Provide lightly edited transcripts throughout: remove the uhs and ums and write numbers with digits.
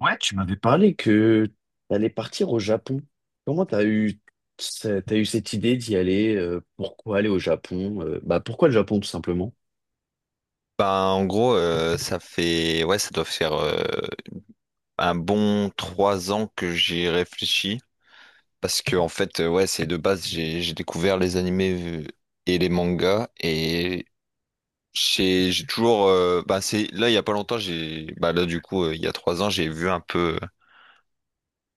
Ouais, tu m'avais parlé que t'allais partir au Japon. Comment t'as eu, t'as eu cette idée d'y aller? Pourquoi aller au Japon? Bah pourquoi le Japon tout simplement? Bah, en gros, ça fait, ouais, ça doit faire un bon trois ans que j'y réfléchis. Parce que, en fait, ouais, c'est de base, j'ai découvert les animés euh, et les mangas. Et j'ai toujours. Bah, c'est, là, il y a pas longtemps, j'ai. Bah, là, du coup, il y a trois ans, j'ai vu un peu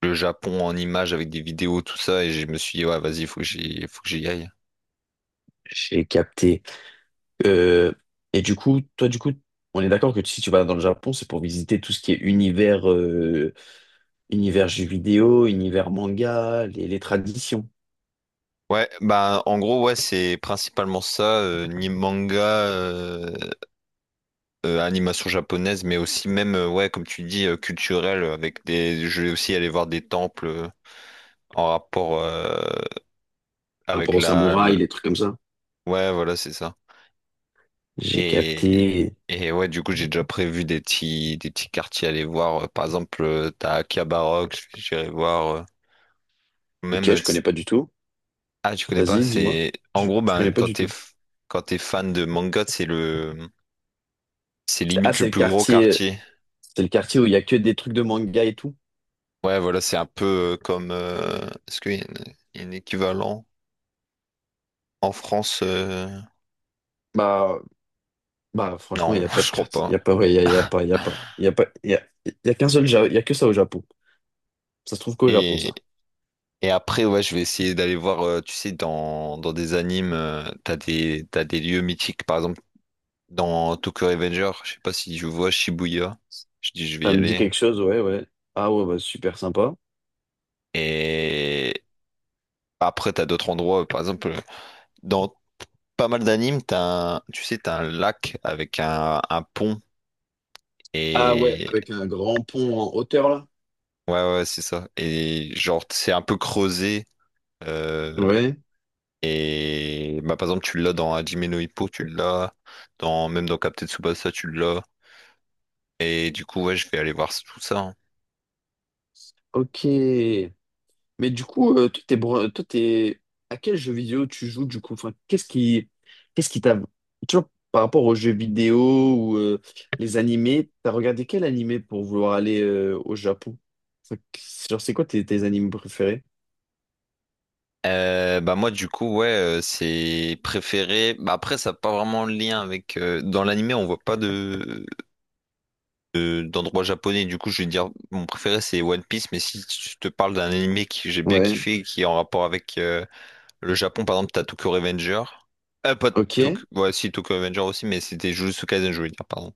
le Japon en images avec des vidéos, tout ça. Et je me suis dit, ouais, vas-y, faut que j'y aille. J'ai capté. Euh, et du coup, toi du coup, on est d'accord que si tu vas dans le Japon, c'est pour visiter tout ce qui est univers, univers jeux vidéo, univers manga, les traditions. Ouais, bah en gros, ouais, c'est principalement ça, ni manga, animation japonaise, mais aussi même, ouais, comme tu dis, culturelle, avec des. Je vais aussi aller voir des temples en rapport Par rapport avec aux la, samouraïs, la- les trucs comme ça. Ouais, voilà, c'est ça. J'ai Et, capté. et ouais, du coup, j'ai déjà prévu des petits quartiers à aller voir. Par exemple, t'as Akihabara, que j'irai voir. Même. Ok, euh, je connais t's- pas du tout. Ah, tu connais pas? Vas-y, dis-moi. C'est. En gros, Je ben, connais pas du tout. Quand t'es fan de manga, c'est le. C'est Ah, limite c'est le le plus gros quartier. quartier. C'est le quartier où il y a que des trucs de manga et tout. Ouais, voilà, c'est un peu comme. Est-ce qu'il y a un équivalent? En France, Bah, Bah franchement, il non, n'y a pas de je crois quartier. Il pas. n'y a pas, ouais, il y a pas. Il y a qu'un seul, il y a que ça au Japon. Ça se trouve qu'au Japon, Et, ça. et après, ouais, je vais essayer d'aller voir, tu sais, dans des animes, t'as des lieux mythiques. Par exemple, dans Tokyo Revenger, je sais pas si je vois Shibuya, je dis je vais Ça y me dit aller. quelque chose, ouais, ouais. Ah ouais, bah super sympa. Et après, t'as d'autres endroits, par exemple, dans pas mal d'animes, t'as un, tu sais, t'as un lac avec un pont. Ah ouais, Et avec un grand pont en hauteur, là. Ouais, c'est ça. Et genre, c'est un peu creusé. euh, Ouais. Et bah, par exemple, tu l'as dans Hajime no Ippo, tu l'as dans même dans Captain Tsubasa, tu l'as. Et du coup, ouais, je vais aller voir tout ça, hein. Ok. Mais du coup, toi, toi, t'es à quel jeu vidéo tu joues du coup? Enfin, qu'est-ce qui t'a, tu vois, par rapport aux jeux vidéo ou les animés, t'as regardé quel animé pour vouloir aller au Japon? Enfin, genre, c'est quoi tes animés préférés? Bah moi, du coup, ouais, c'est préféré, bah après ça n'a pas vraiment de lien avec, dans l'animé on voit pas de d'endroit japonais, du coup je vais dire mon préféré c'est One Piece. Mais si je te parle d'un animé que j'ai bien Ouais, kiffé et qui est en rapport avec le Japon, par exemple, t'as Tokyo Revenger. Pas ok, Tokyo. Ouais, si, Tokyo Revenger aussi, mais c'était Jujutsu Kaisen, je voulais dire, pardon.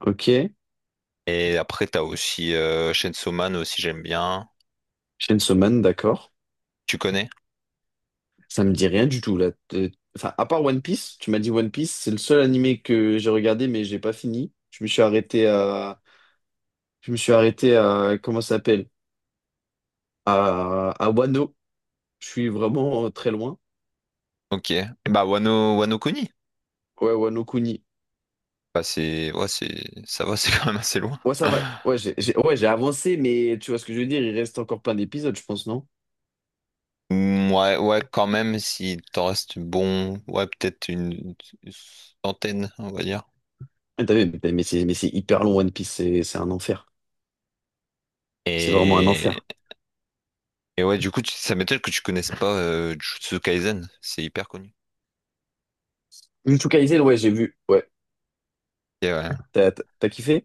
ok. Et après, t'as aussi Chainsaw Man aussi, j'aime bien. Chainsaw Man, d'accord. Tu connais? Ça me dit rien du tout là. Enfin, à part One Piece, tu m'as dit One Piece, c'est le seul animé que j'ai regardé mais j'ai pas fini. Je me suis arrêté à, comment ça s'appelle? À Wano. Je suis vraiment très loin. Ok. Et bah, Wano, Wano Kuni. Ouais, ouais, no Kuni. Bah, c'est. Ouais, c'est. Ça va, c'est quand même assez loin. Ouais, ça va. Ouais, ouais, j'ai avancé, mais tu vois ce que je veux dire, il reste encore plein d'épisodes, je pense, non? Mm, ouais, quand même, si t'en restes bon. Ouais, peut-être une centaine, on va dire. Ah, t'as vu, mais c'est hyper long, One Piece, c'est un enfer. C'est vraiment un Et, enfer. et ouais, du coup, ça m'étonne que tu connaisses pas Jujutsu Kaisen. C'est hyper connu. Jujutsu Kaisen, ouais, j'ai vu. Ouais. Ok, ouais. T'as kiffé?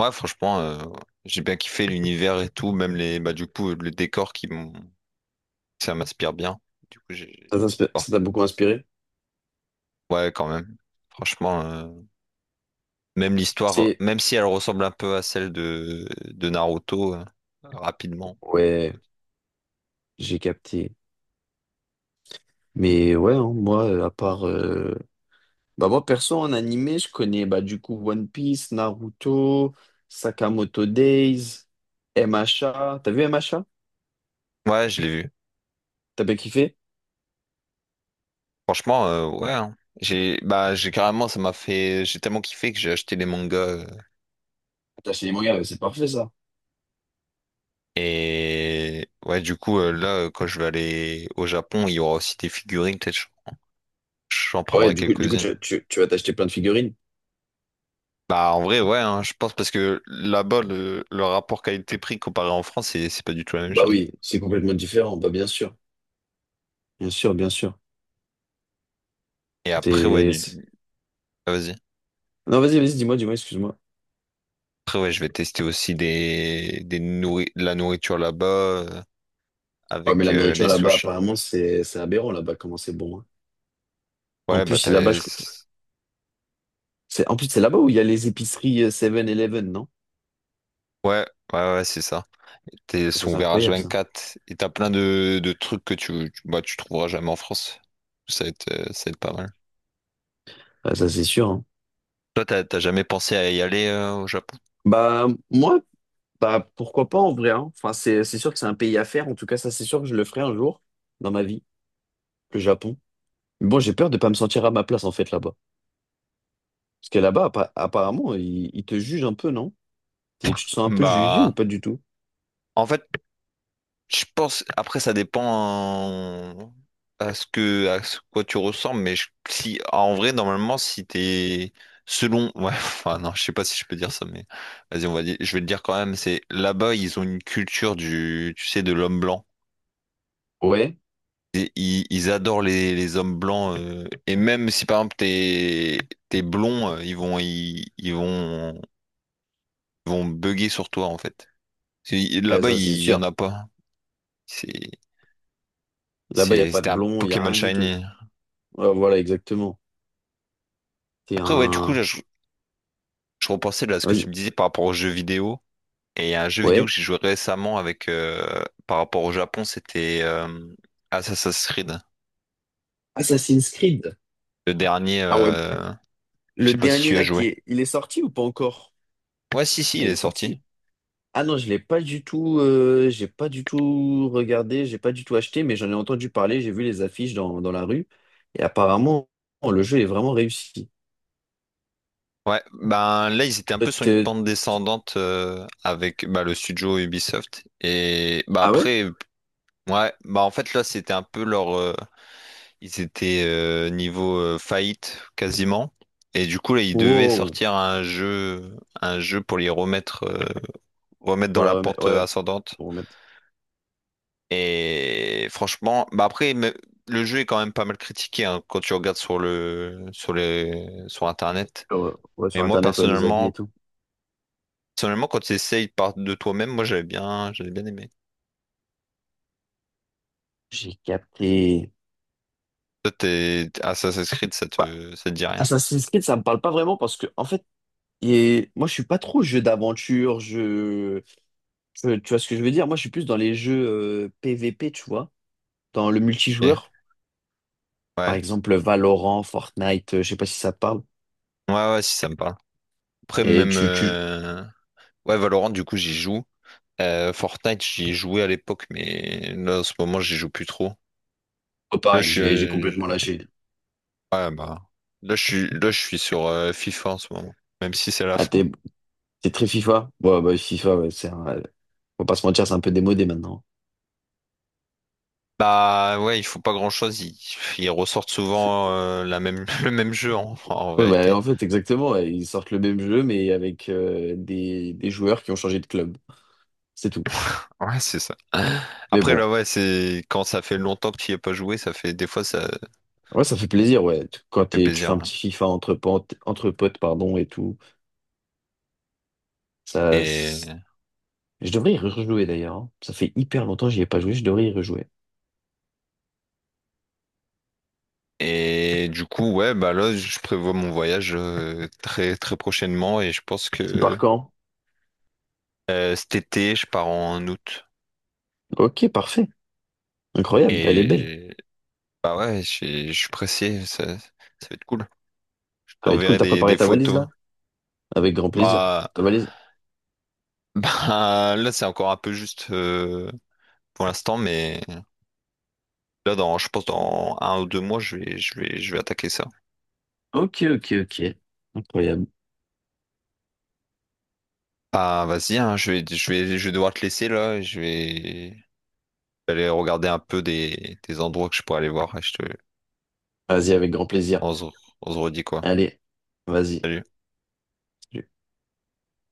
Ouais, franchement, j'ai bien kiffé l'univers et tout, même les, bah, du coup, le décor ça m'inspire bien. Du coup, Ça t'inspire- ça porte- t'a beaucoup inspiré? ouais, quand même. Franchement, même l'histoire, C'est. même si elle ressemble un peu à celle de Naruto, rapidement. Ouais, j'ai capté. Mais ouais, hein, moi, à part. Bah, moi, perso, en animé, je connais bah, du coup One Piece, Naruto, Sakamoto Days, MHA. T'as vu MHA? Ouais, je l'ai vu. T'as pas kiffé? Franchement, ouais, hein. J'ai, bah, j'ai carrément, ça m'a fait, j'ai tellement kiffé que j'ai acheté les mangas. T'as acheté des mangas, ouais, c'est parfait ça. Et ouais, du coup, là, quand je vais aller au Japon, il y aura aussi des figurines, peut-être, j'en Ah ouais, prendrai du coup quelques-unes. Tu vas t'acheter plein de figurines? Bah, en vrai, ouais, hein, je pense, parce que là-bas, le rapport qualité-prix comparé en France, c'est pas du tout la même Bah chose. oui, c'est complètement différent, bah bien sûr. Bien sûr, bien sûr. Et après, ouais, C'est- ah, vas-y. Non, vas-y, dis-moi, excuse-moi. Après, ouais, je vais tester aussi des, de la nourriture là-bas Ah mais avec la les nourriture là-bas, sushis. apparemment, c'est aberrant là-bas, comment c'est bon, hein. En Ouais, plus, bah, t'as les… c'est en plus, c'est là-bas où il y a les épiceries 7-Eleven, non? Ouais, ouais, c'est ça. T'es Ça, son c'est ouvert incroyable, ça. H24 et t'as plein de trucs que bah, tu trouveras jamais en France. Ça va être pas mal. Ah, ça, c'est sûr, hein. Toi, t'as jamais pensé à y aller au Japon? Bah, moi, bah, pourquoi pas en vrai, hein. Enfin, c'est sûr que c'est un pays à faire. En tout cas, ça, c'est sûr que je le ferai un jour dans ma vie, le Japon. Bon, j'ai peur de pas me sentir à ma place en fait là-bas. Parce que là-bas, apparemment, ils te jugent un peu, non? Et tu te sens un peu jugé ou Bah, pas du tout? en fait, je pense, après, ça dépend à ce que, à ce quoi tu ressembles, mais si, en vrai, normalement, si t'es, selon, ouais, enfin, non, je sais pas si je peux dire ça, mais vas-y, on va dire, je vais le dire quand même, c'est, là-bas, ils ont une culture du, tu sais, de l'homme blanc. Ouais, Et ils adorent les hommes blancs, et même si, par exemple, t'es blond, ils vont bugger sur toi, en fait. Eh, Là-bas, ça c'est il y en sûr. a pas. C'est, Là-bas, il n'y a pas de c'était un blond, il n'y a Pokémon rien du tout. Shiny. Ouais, voilà, exactement. T'es Après, ouais, du coup, un. Je repensais là, à ce que Vas-y. tu me disais par rapport aux jeux vidéo. Et il y a un jeu vidéo que Ouais. j'ai joué récemment avec, par rapport au Japon, c'était Assassin's Creed. Assassin's Creed. Le dernier, Ah ouais. Je Le sais pas si tu dernier y as là qui joué. est. Il est sorti ou pas encore? Ouais, si, Ah, il il est est sorti. sorti. Ah non, je l'ai pas du tout. J'ai pas du tout regardé, j'ai pas du tout acheté, mais j'en ai entendu parler, j'ai vu les affiches dans la rue. Et apparemment, le jeu est vraiment réussi. Ouais, ben là, ils étaient un peu sur une pente descendante avec bah, le studio Ubisoft. Et bah Ah ouais? après, ouais, bah en fait, là, c'était un peu leur. Ils étaient niveau faillite quasiment. Et du coup, là, ils devaient Wow! sortir un jeu pour les remettre, remettre Pour dans la la remettre, pente ouais, ascendante. pour remettre Et franchement, bah après, le jeu est quand même pas mal critiqué, hein, quand tu regardes sur le, sur les, sur Internet. sur, ouais, Mais sur Internet, ouais, les avis et tout. personnellement, quand tu essayes par de toi-même, moi, j'avais bien aimé. J'ai capté. Toi, t'es Assassin's Creed, ça Bah, ça te dit rien. Assassin's Creed, ça me parle pas vraiment parce que, en fait, et moi, je suis pas trop jeu d'aventure, jeu... Tu vois ce que je veux dire? Moi, je suis plus dans les jeux PVP, tu vois, dans le multijoueur. Ok. Par Ouais. exemple, Valorant, Fortnite, je sais pas si ça te parle. Ouais, ouais, si ça me parle. Après, Et même, tu... ouais, Valorant, du coup, j'y joue. Fortnite, j'y ai joué à l'époque, mais là, en ce moment, j'y joue plus trop. Oh, Là, je pareil, suis, j'ai complètement je- lâché. ouais, bah, là, je suis sur FIFA en ce moment, même si c'est la Ah, fin. T'es très FIFA? Ouais, bah, FIFA, ouais, c'est un... Faut pas se mentir, c'est un peu démodé maintenant. Bah, ouais, ils font pas grand-chose. Ils ressortent souvent la même, le même jeu, en Ouais, bah, vérité. en fait, exactement, ouais. Ils sortent le même jeu, mais avec des joueurs qui ont changé de club. C'est tout. Ouais, c'est ça. Mais Après, bon, là, ouais, c'est quand ça fait longtemps que tu n'y as pas joué, ça fait des fois, ça ouais, ça fait plaisir, ouais. Tu- Quand fait t'es, tu fais plaisir, un hein. petit FIFA entre potes, pardon, et tout. Ça, Et s- je devrais y rejouer d'ailleurs, hein. Ça fait hyper longtemps que j'y ai pas joué. Je devrais y rejouer. Et du coup, ouais, bah là, je prévois mon voyage très très prochainement, et je pense C'est par que quand? Cet été, je pars en août. Ok, parfait. Incroyable. Elle est belle. Et bah ouais, je suis pressé, ça va être cool. Je Ça va être cool. t'enverrai T'as préparé des ta valise photos. là? Avec grand plaisir. Bah, Ta valise? bah là, c'est encore un peu juste pour l'instant, mais je pense dans un ou deux mois, je vais attaquer ça. Ok, ok, ok. Incroyable. Ah, vas-y, hein, je vais devoir te laisser là. Je vais aller regarder un peu des endroits que je pourrais aller voir. Vas-y, avec grand plaisir. On se, on se redit quoi? Allez, vas-y. Salut.